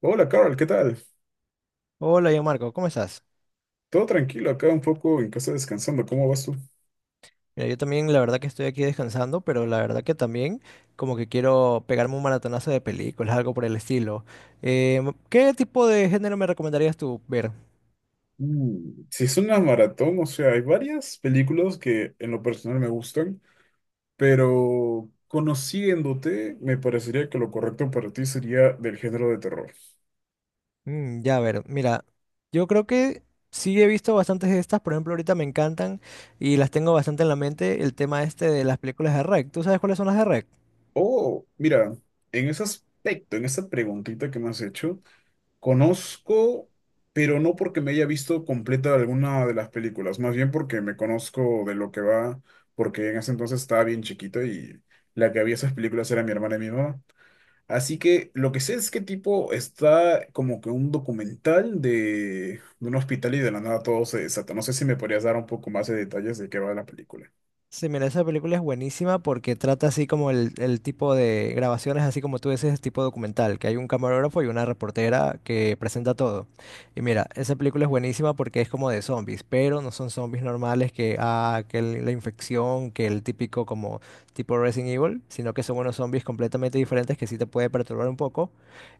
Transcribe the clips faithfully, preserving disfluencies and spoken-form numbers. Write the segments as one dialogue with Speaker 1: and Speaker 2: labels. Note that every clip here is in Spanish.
Speaker 1: Hola, Carl, ¿qué tal?
Speaker 2: Hola, yo Marco, ¿cómo estás?
Speaker 1: Todo tranquilo, acá un poco en casa descansando. ¿Cómo vas tú?
Speaker 2: Mira, yo también la verdad que estoy aquí descansando, pero la verdad que también como que quiero pegarme un maratonazo de películas, algo por el estilo. Eh, ¿Qué tipo de género me recomendarías tú ver?
Speaker 1: Mm, Si es una maratón, o sea, hay varias películas que en lo personal me gustan, pero conociéndote, me parecería que lo correcto para ti sería del género de terror.
Speaker 2: Mm, ya, a ver, mira, yo creo que sí he visto bastantes de estas, por ejemplo, ahorita me encantan y las tengo bastante en la mente el tema este de las películas de R E C. ¿Tú sabes cuáles son las de R E C?
Speaker 1: Oh, mira, en ese aspecto, en esa preguntita que me has hecho, conozco, pero no porque me haya visto completa alguna de las películas, más bien porque me conozco de lo que va, porque en ese entonces estaba bien chiquito y la que había esas películas era mi hermana y mi mamá. Así que lo que sé es que tipo está como que un documental de, de un hospital y de la nada todo se desata. No sé si me podrías dar un poco más de detalles de qué va la película.
Speaker 2: Sí, mira, esa película es buenísima porque trata así como el, el tipo de grabaciones, así como tú dices, tipo documental, que hay un camarógrafo y una reportera que presenta todo. Y mira, esa película es buenísima porque es como de zombies, pero no son zombies normales que, ah, que el- la infección, que el típico como tipo Resident Evil, sino que son unos zombies completamente diferentes que sí te puede perturbar un poco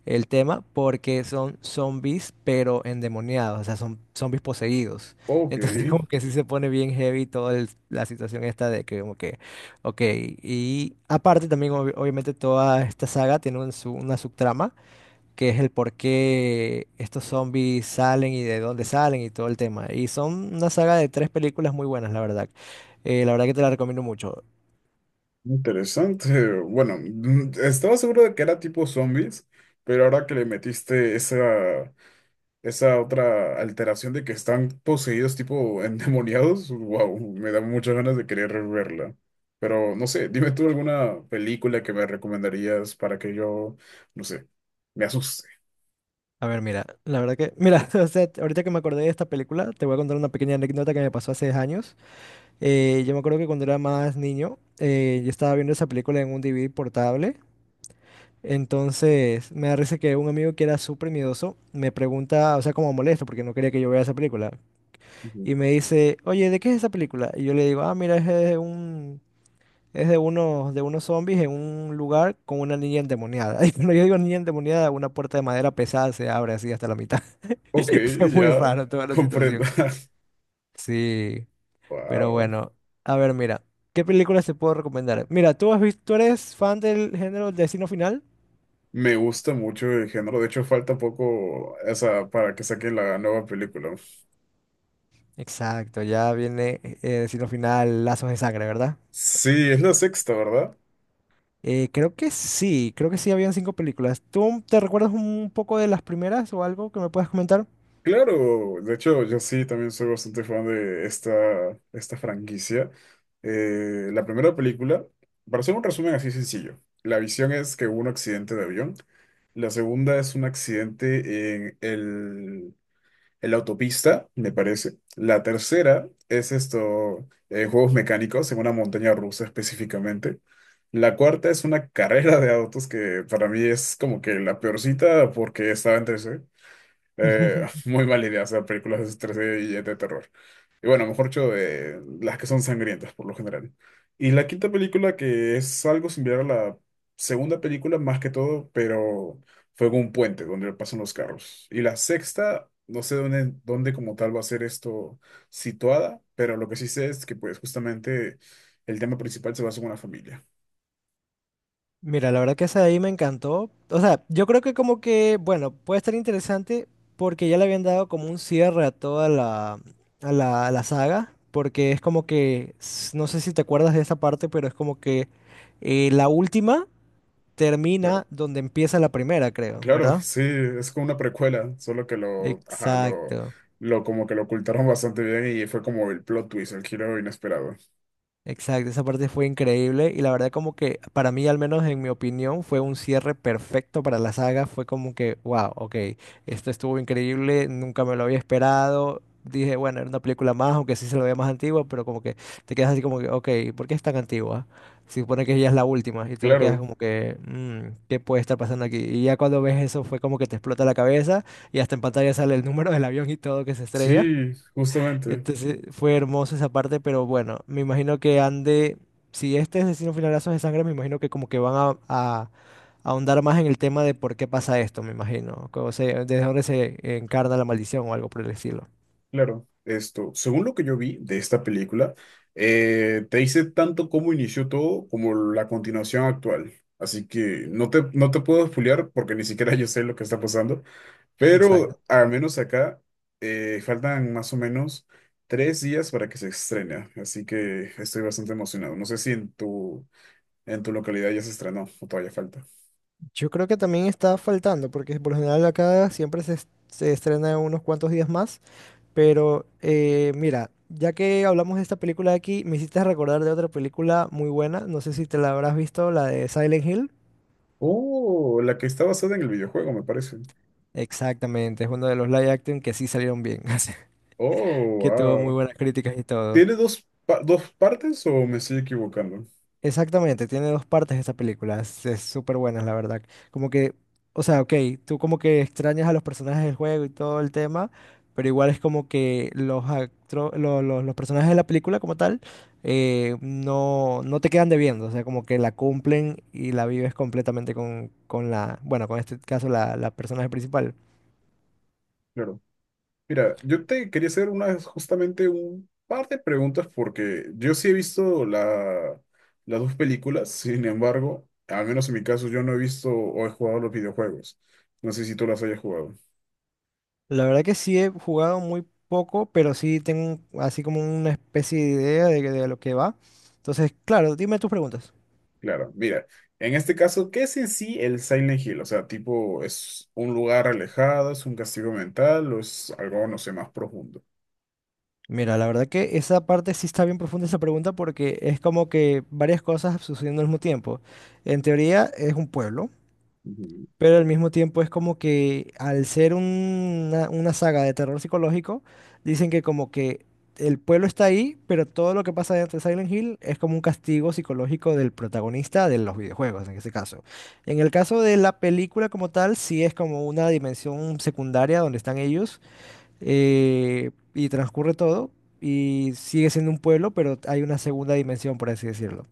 Speaker 2: el tema porque son zombies pero endemoniados, o sea, son zombies poseídos.
Speaker 1: Ok,
Speaker 2: Entonces como que sí se pone bien heavy toda el- la situación esta de que como que, ok, y aparte también obvi- obviamente toda esta saga tiene un su- una subtrama que es el por qué estos zombies salen y de dónde salen y todo el tema. Y son una saga de tres películas muy buenas, la verdad. Eh, la verdad que te la recomiendo mucho.
Speaker 1: interesante. Bueno, mm, estaba seguro de que era tipo zombies, pero ahora que le metiste esa esa otra alteración de que están poseídos tipo endemoniados, wow, me da muchas ganas de querer verla. Pero no sé, dime tú alguna película que me recomendarías para que yo, no sé, me asuste.
Speaker 2: A ver, mira, la verdad que, mira, o sea, ahorita que me acordé de esta película, te voy a contar una pequeña anécdota que me pasó hace años. Eh, yo me acuerdo que cuando era más niño, eh, yo estaba viendo esa película en un D V D portable. Entonces, me da risa que un amigo que era súper miedoso me pregunta, o sea, como molesto, porque no quería que yo vea esa película.
Speaker 1: Ujú.
Speaker 2: Y me dice, oye, ¿de qué es esa película? Y yo le digo, ah, mira, es de un, es de unos, de unos zombies en un lugar con una niña endemoniada. Y cuando yo digo niña endemoniada, una puerta de madera pesada se abre así hasta la mitad.
Speaker 1: Ok,
Speaker 2: Fue muy
Speaker 1: ya
Speaker 2: raro toda la
Speaker 1: comprendo.
Speaker 2: situación. Sí, pero
Speaker 1: Wow.
Speaker 2: bueno. A ver, mira, ¿qué películas te puedo recomendar? Mira, ¿tú has visto, ¿tú eres fan del género Destino Final?
Speaker 1: Me gusta mucho el género. De hecho, falta poco esa para que saquen la nueva película.
Speaker 2: Exacto, ya viene eh, eh, destino final, lazos de sangre, ¿verdad?
Speaker 1: Sí, es la sexta, ¿verdad?
Speaker 2: Eh, creo que sí, creo que sí habían cinco películas. ¿Tú te recuerdas un poco de las primeras o algo que me puedas comentar?
Speaker 1: Claro, de hecho yo sí también soy bastante fan de esta, esta franquicia. Eh, la primera película, para hacer un resumen así sencillo, la visión es que hubo un accidente de avión, la segunda es un accidente en el, en la autopista, me parece, la tercera es esto, eh, juegos mecánicos en una montaña rusa específicamente, la cuarta es una carrera de autos que para mí es como que la peorcita porque estaba en tres, eh, muy mala idea hacer películas de estrés y de terror. Y bueno, mejor dicho, de las que son sangrientas por lo general. Y la quinta película, que es algo similar a la segunda película, más que todo, pero fue con un puente donde pasan los carros. Y la sexta, no sé dónde, dónde como tal va a ser esto situada, pero lo que sí sé es que pues justamente el tema principal se basa en una familia.
Speaker 2: Mira, la verdad que esa de ahí me encantó. O sea, yo creo que como que, bueno, puede estar interesante porque ya le habían dado como un cierre a toda la, a la, a la saga, porque es como que, s- no sé si te acuerdas de esa parte, pero es como que eh, la última
Speaker 1: Claro,
Speaker 2: termina donde empieza la primera, creo,
Speaker 1: claro,
Speaker 2: ¿verdad?
Speaker 1: sí, es como una precuela, solo que lo, ajá, lo,
Speaker 2: Exacto,
Speaker 1: lo como que lo ocultaron bastante bien y fue como el plot twist, el giro inesperado.
Speaker 2: exacto. Esa parte fue increíble y la verdad como que para mí, al menos en mi opinión, fue un cierre perfecto para la saga. Fue como que, wow, ok, esto estuvo increíble, nunca me lo había esperado. Dije, bueno, era una película más, aunque sí se lo veía más antigua, pero como que te quedas así como que, ok, ¿por qué es tan antigua? Se supone que ya es la última y entonces quedas
Speaker 1: Claro,
Speaker 2: como que, "Mm, ¿qué puede estar pasando aquí?" Y ya cuando ves eso fue como que te explota la cabeza y hasta en pantalla sale el número del avión y todo que se estrella.
Speaker 1: sí, justamente,
Speaker 2: Entonces fue hermosa esa parte, pero bueno, me imagino que han de, si este es Destino Final Lazos de Sangre, me imagino que como que van a, a- a ahondar más en el tema de por qué pasa esto, me imagino, ¿cómo se, desde dónde se encarna la maldición o algo por el estilo?
Speaker 1: claro. Esto, según lo que yo vi de esta película, eh, te dice tanto cómo inició todo como la continuación actual. Así que no te, no te puedo spoilear porque ni siquiera yo sé lo que está pasando. Pero
Speaker 2: Exacto.
Speaker 1: al menos acá eh, faltan más o menos tres días para que se estrene, así que estoy bastante emocionado. No sé si en tu, en tu localidad ya se estrenó o todavía falta.
Speaker 2: Yo creo que también está faltando, porque por lo general acá siempre se, es- se estrena en unos cuantos días más, pero eh, mira, ya que hablamos de esta película de aquí, me hiciste recordar de otra película muy buena, no sé si te la habrás visto, la de Silent Hill.
Speaker 1: Oh, la que está basada en el videojuego, me parece.
Speaker 2: Exactamente, es uno de los live action que sí salieron bien,
Speaker 1: Oh,
Speaker 2: que tuvo muy
Speaker 1: wow.
Speaker 2: buenas críticas y todo.
Speaker 1: ¿Tiene dos, pa- dos partes o me estoy equivocando?
Speaker 2: Exactamente, tiene dos partes esta película, es es súper buena, la verdad. Como que, o sea, ok, tú como que extrañas a los personajes del juego y todo el tema, pero igual es como que los, actro- lo- lo- los personajes de la película como tal eh, no, no te quedan debiendo, o sea, como que la cumplen y la vives completamente con, con la, bueno, con este caso la, la personaje principal.
Speaker 1: Claro. Mira, yo te quería hacer unas justamente un par de preguntas porque yo sí he visto la, las dos películas, sin embargo, al menos en mi caso, yo no he visto o he jugado los videojuegos. No sé si tú las hayas jugado.
Speaker 2: La verdad que sí he jugado muy poco, pero sí tengo un- así como una especie de idea de, de lo que va. Entonces, claro, dime tus preguntas.
Speaker 1: Claro, mira, en este caso, ¿qué es en sí el Silent Hill? O sea, tipo, ¿es un lugar alejado, es un castigo mental o es algo, no sé, más profundo?
Speaker 2: Mira, la verdad que esa parte sí está bien profunda esa pregunta porque es como que varias cosas sucediendo al mismo tiempo. En teoría es un pueblo, pero al mismo tiempo es como que al ser una, una saga de terror psicológico, dicen que como que el pueblo está ahí, pero todo lo que pasa dentro de Silent Hill es como un castigo psicológico del protagonista de los videojuegos, en ese caso. En el caso de la película como tal, sí es como una dimensión secundaria donde están ellos, eh, y transcurre todo y sigue siendo un pueblo, pero hay una segunda dimensión, por así decirlo.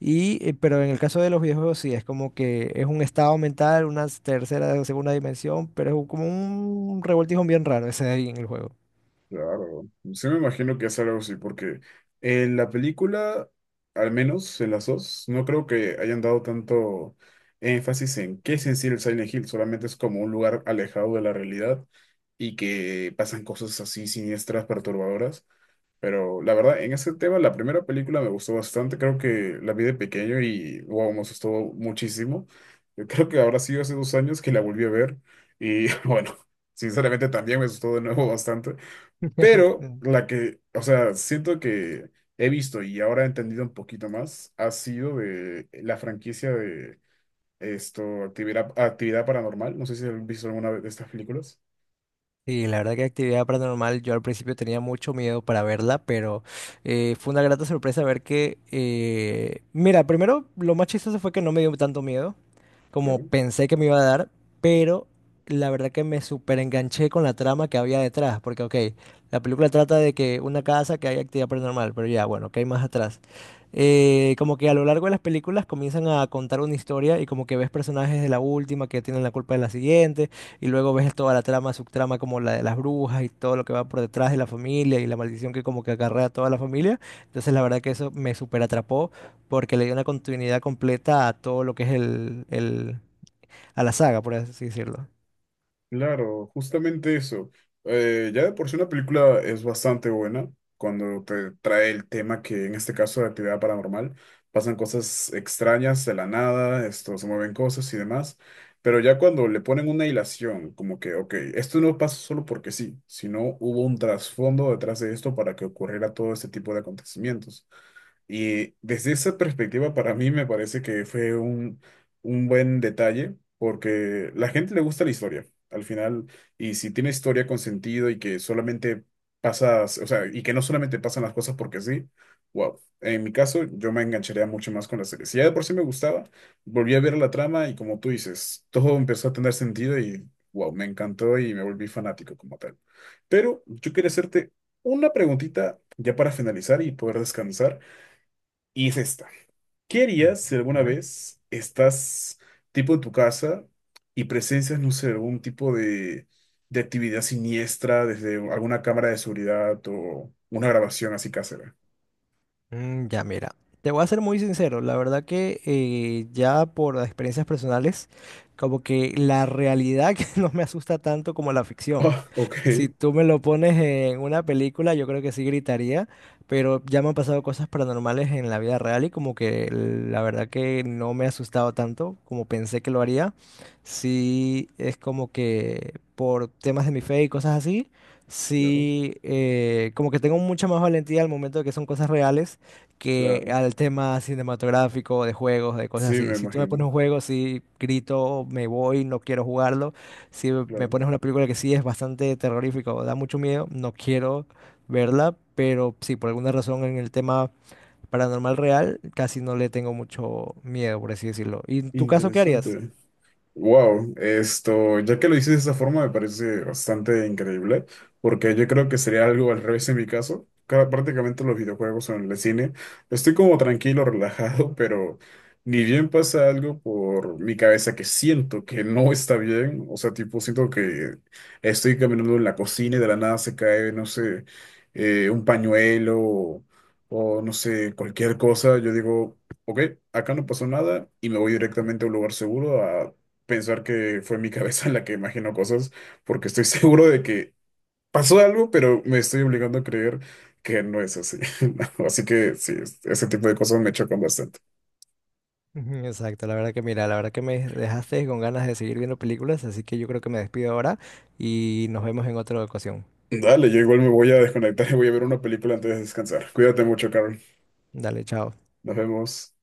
Speaker 2: Y, eh, pero en el caso de los videojuegos sí, es como que es un estado mental, una tercera, o segunda dimensión, pero es un- como un revoltijo bien raro ese ahí en el juego.
Speaker 1: Claro, sí me imagino que es algo así, porque en la película, al menos en las dos, no creo que hayan dado tanto énfasis en qué es en sí el Silent Hill, solamente es como un lugar alejado de la realidad y que pasan cosas así siniestras, perturbadoras, pero la verdad, en ese tema, la primera película me gustó bastante, creo que la vi de pequeño y wow, me asustó muchísimo. Yo creo que habrá sido hace dos años que la volví a ver y bueno, sinceramente también me asustó de nuevo bastante. Pero la que, o sea, siento que he visto y ahora he entendido un poquito más, ha sido de la franquicia de esto, actividad, actividad paranormal. No sé si has visto alguna de estas películas.
Speaker 2: Sí, la verdad que actividad paranormal, yo al principio tenía mucho miedo para verla, pero eh, fue una grata sorpresa ver que, eh, mira, primero lo más chistoso fue que no me dio tanto miedo como
Speaker 1: Claro.
Speaker 2: pensé que me iba a dar, pero la verdad que me súper enganché con la trama que había detrás, porque ok, la película trata de que una casa que hay actividad paranormal, pero ya, bueno, ¿qué hay más atrás? Eh, como que a lo largo de las películas comienzan a contar una historia y como que ves personajes de la última que tienen la culpa de la siguiente. Y luego ves toda la trama, subtrama como la de las brujas y todo lo que va por detrás de la familia y la maldición que como que acarrea a toda la familia. Entonces la verdad que eso me súper atrapó porque le dio una continuidad completa a todo lo que es el, el, a la saga, por así decirlo.
Speaker 1: Claro, justamente eso. Eh, ya de por sí una película es bastante buena cuando te trae el tema que en este caso de actividad paranormal pasan cosas extrañas de la nada, esto se mueven cosas y demás, pero ya cuando le ponen una hilación, como que, ok, esto no pasa solo porque sí, sino hubo un trasfondo detrás de esto para que ocurriera todo este tipo de acontecimientos. Y desde esa perspectiva, para mí me parece que fue un, un buen detalle, porque la gente le gusta la historia, al final, y si tiene historia con sentido y que solamente pasas, o sea, y que no solamente pasan las cosas porque sí, wow. En mi caso, yo me engancharía mucho más con la serie. Si ya de por sí me gustaba, volví a ver la trama y como tú dices, todo empezó a tener sentido y wow, me encantó y me volví fanático como tal. Pero yo quería hacerte una preguntita ya para finalizar y poder descansar. Y es esta. ¿Qué
Speaker 2: Mm,
Speaker 1: harías si alguna
Speaker 2: dime.
Speaker 1: vez estás tipo en tu casa y presencias, no sé, algún tipo de, de actividad siniestra desde alguna cámara de seguridad o una grabación así casera?
Speaker 2: Mm, ya mira, te voy a ser muy sincero, la verdad que eh, ya por experiencias personales, como que la realidad que no me asusta tanto como la ficción.
Speaker 1: Ah,
Speaker 2: Si
Speaker 1: ok,
Speaker 2: tú me lo pones en una película, yo creo que sí gritaría, pero ya me han pasado cosas paranormales en la vida real y como que la verdad que no me he asustado tanto como pensé que lo haría. Sí, es como que por temas de mi fe y cosas así,
Speaker 1: claro,
Speaker 2: sí, eh, como que tengo mucha más valentía al momento de que son cosas reales que
Speaker 1: claro.
Speaker 2: al tema cinematográfico, de juegos, de cosas
Speaker 1: Sí, me
Speaker 2: así. Si tú me pones
Speaker 1: imagino,
Speaker 2: un juego, sí, grito, me voy, no quiero jugarlo. Si me
Speaker 1: claro.
Speaker 2: pones una película que sí es bastante terrorífica o da mucho miedo, no quiero verla, pero sí, por alguna razón en el tema paranormal real casi no le tengo mucho miedo, por así decirlo. ¿Y en tu caso qué harías?
Speaker 1: Interesante. Wow, esto, ya que lo dices de esa forma, me parece bastante increíble, porque yo creo que sería algo al revés en mi caso. Cada- Prácticamente los videojuegos o en el cine, estoy como tranquilo, relajado, pero ni bien pasa algo por mi cabeza que siento que no está bien. O sea, tipo, siento que estoy caminando en la cocina y de la nada se cae, no sé, eh, un pañuelo o, o no sé, cualquier cosa. Yo digo. Ok, acá no pasó nada y me voy directamente a un lugar seguro pensar que fue mi cabeza la que imaginó cosas, porque estoy seguro de que pasó algo, pero me estoy obligando a creer que no es así. No, así que sí, es- ese tipo de cosas me chocan bastante.
Speaker 2: Ujú, exacto, la verdad que mira, la verdad que me dejaste con ganas de seguir viendo películas, así que yo creo que me despido ahora y nos vemos en otra ocasión.
Speaker 1: Dale, yo igual me voy a desconectar y voy a ver una película antes de descansar. Cuídate mucho, Carol.
Speaker 2: Dale, chao.
Speaker 1: Nos vemos.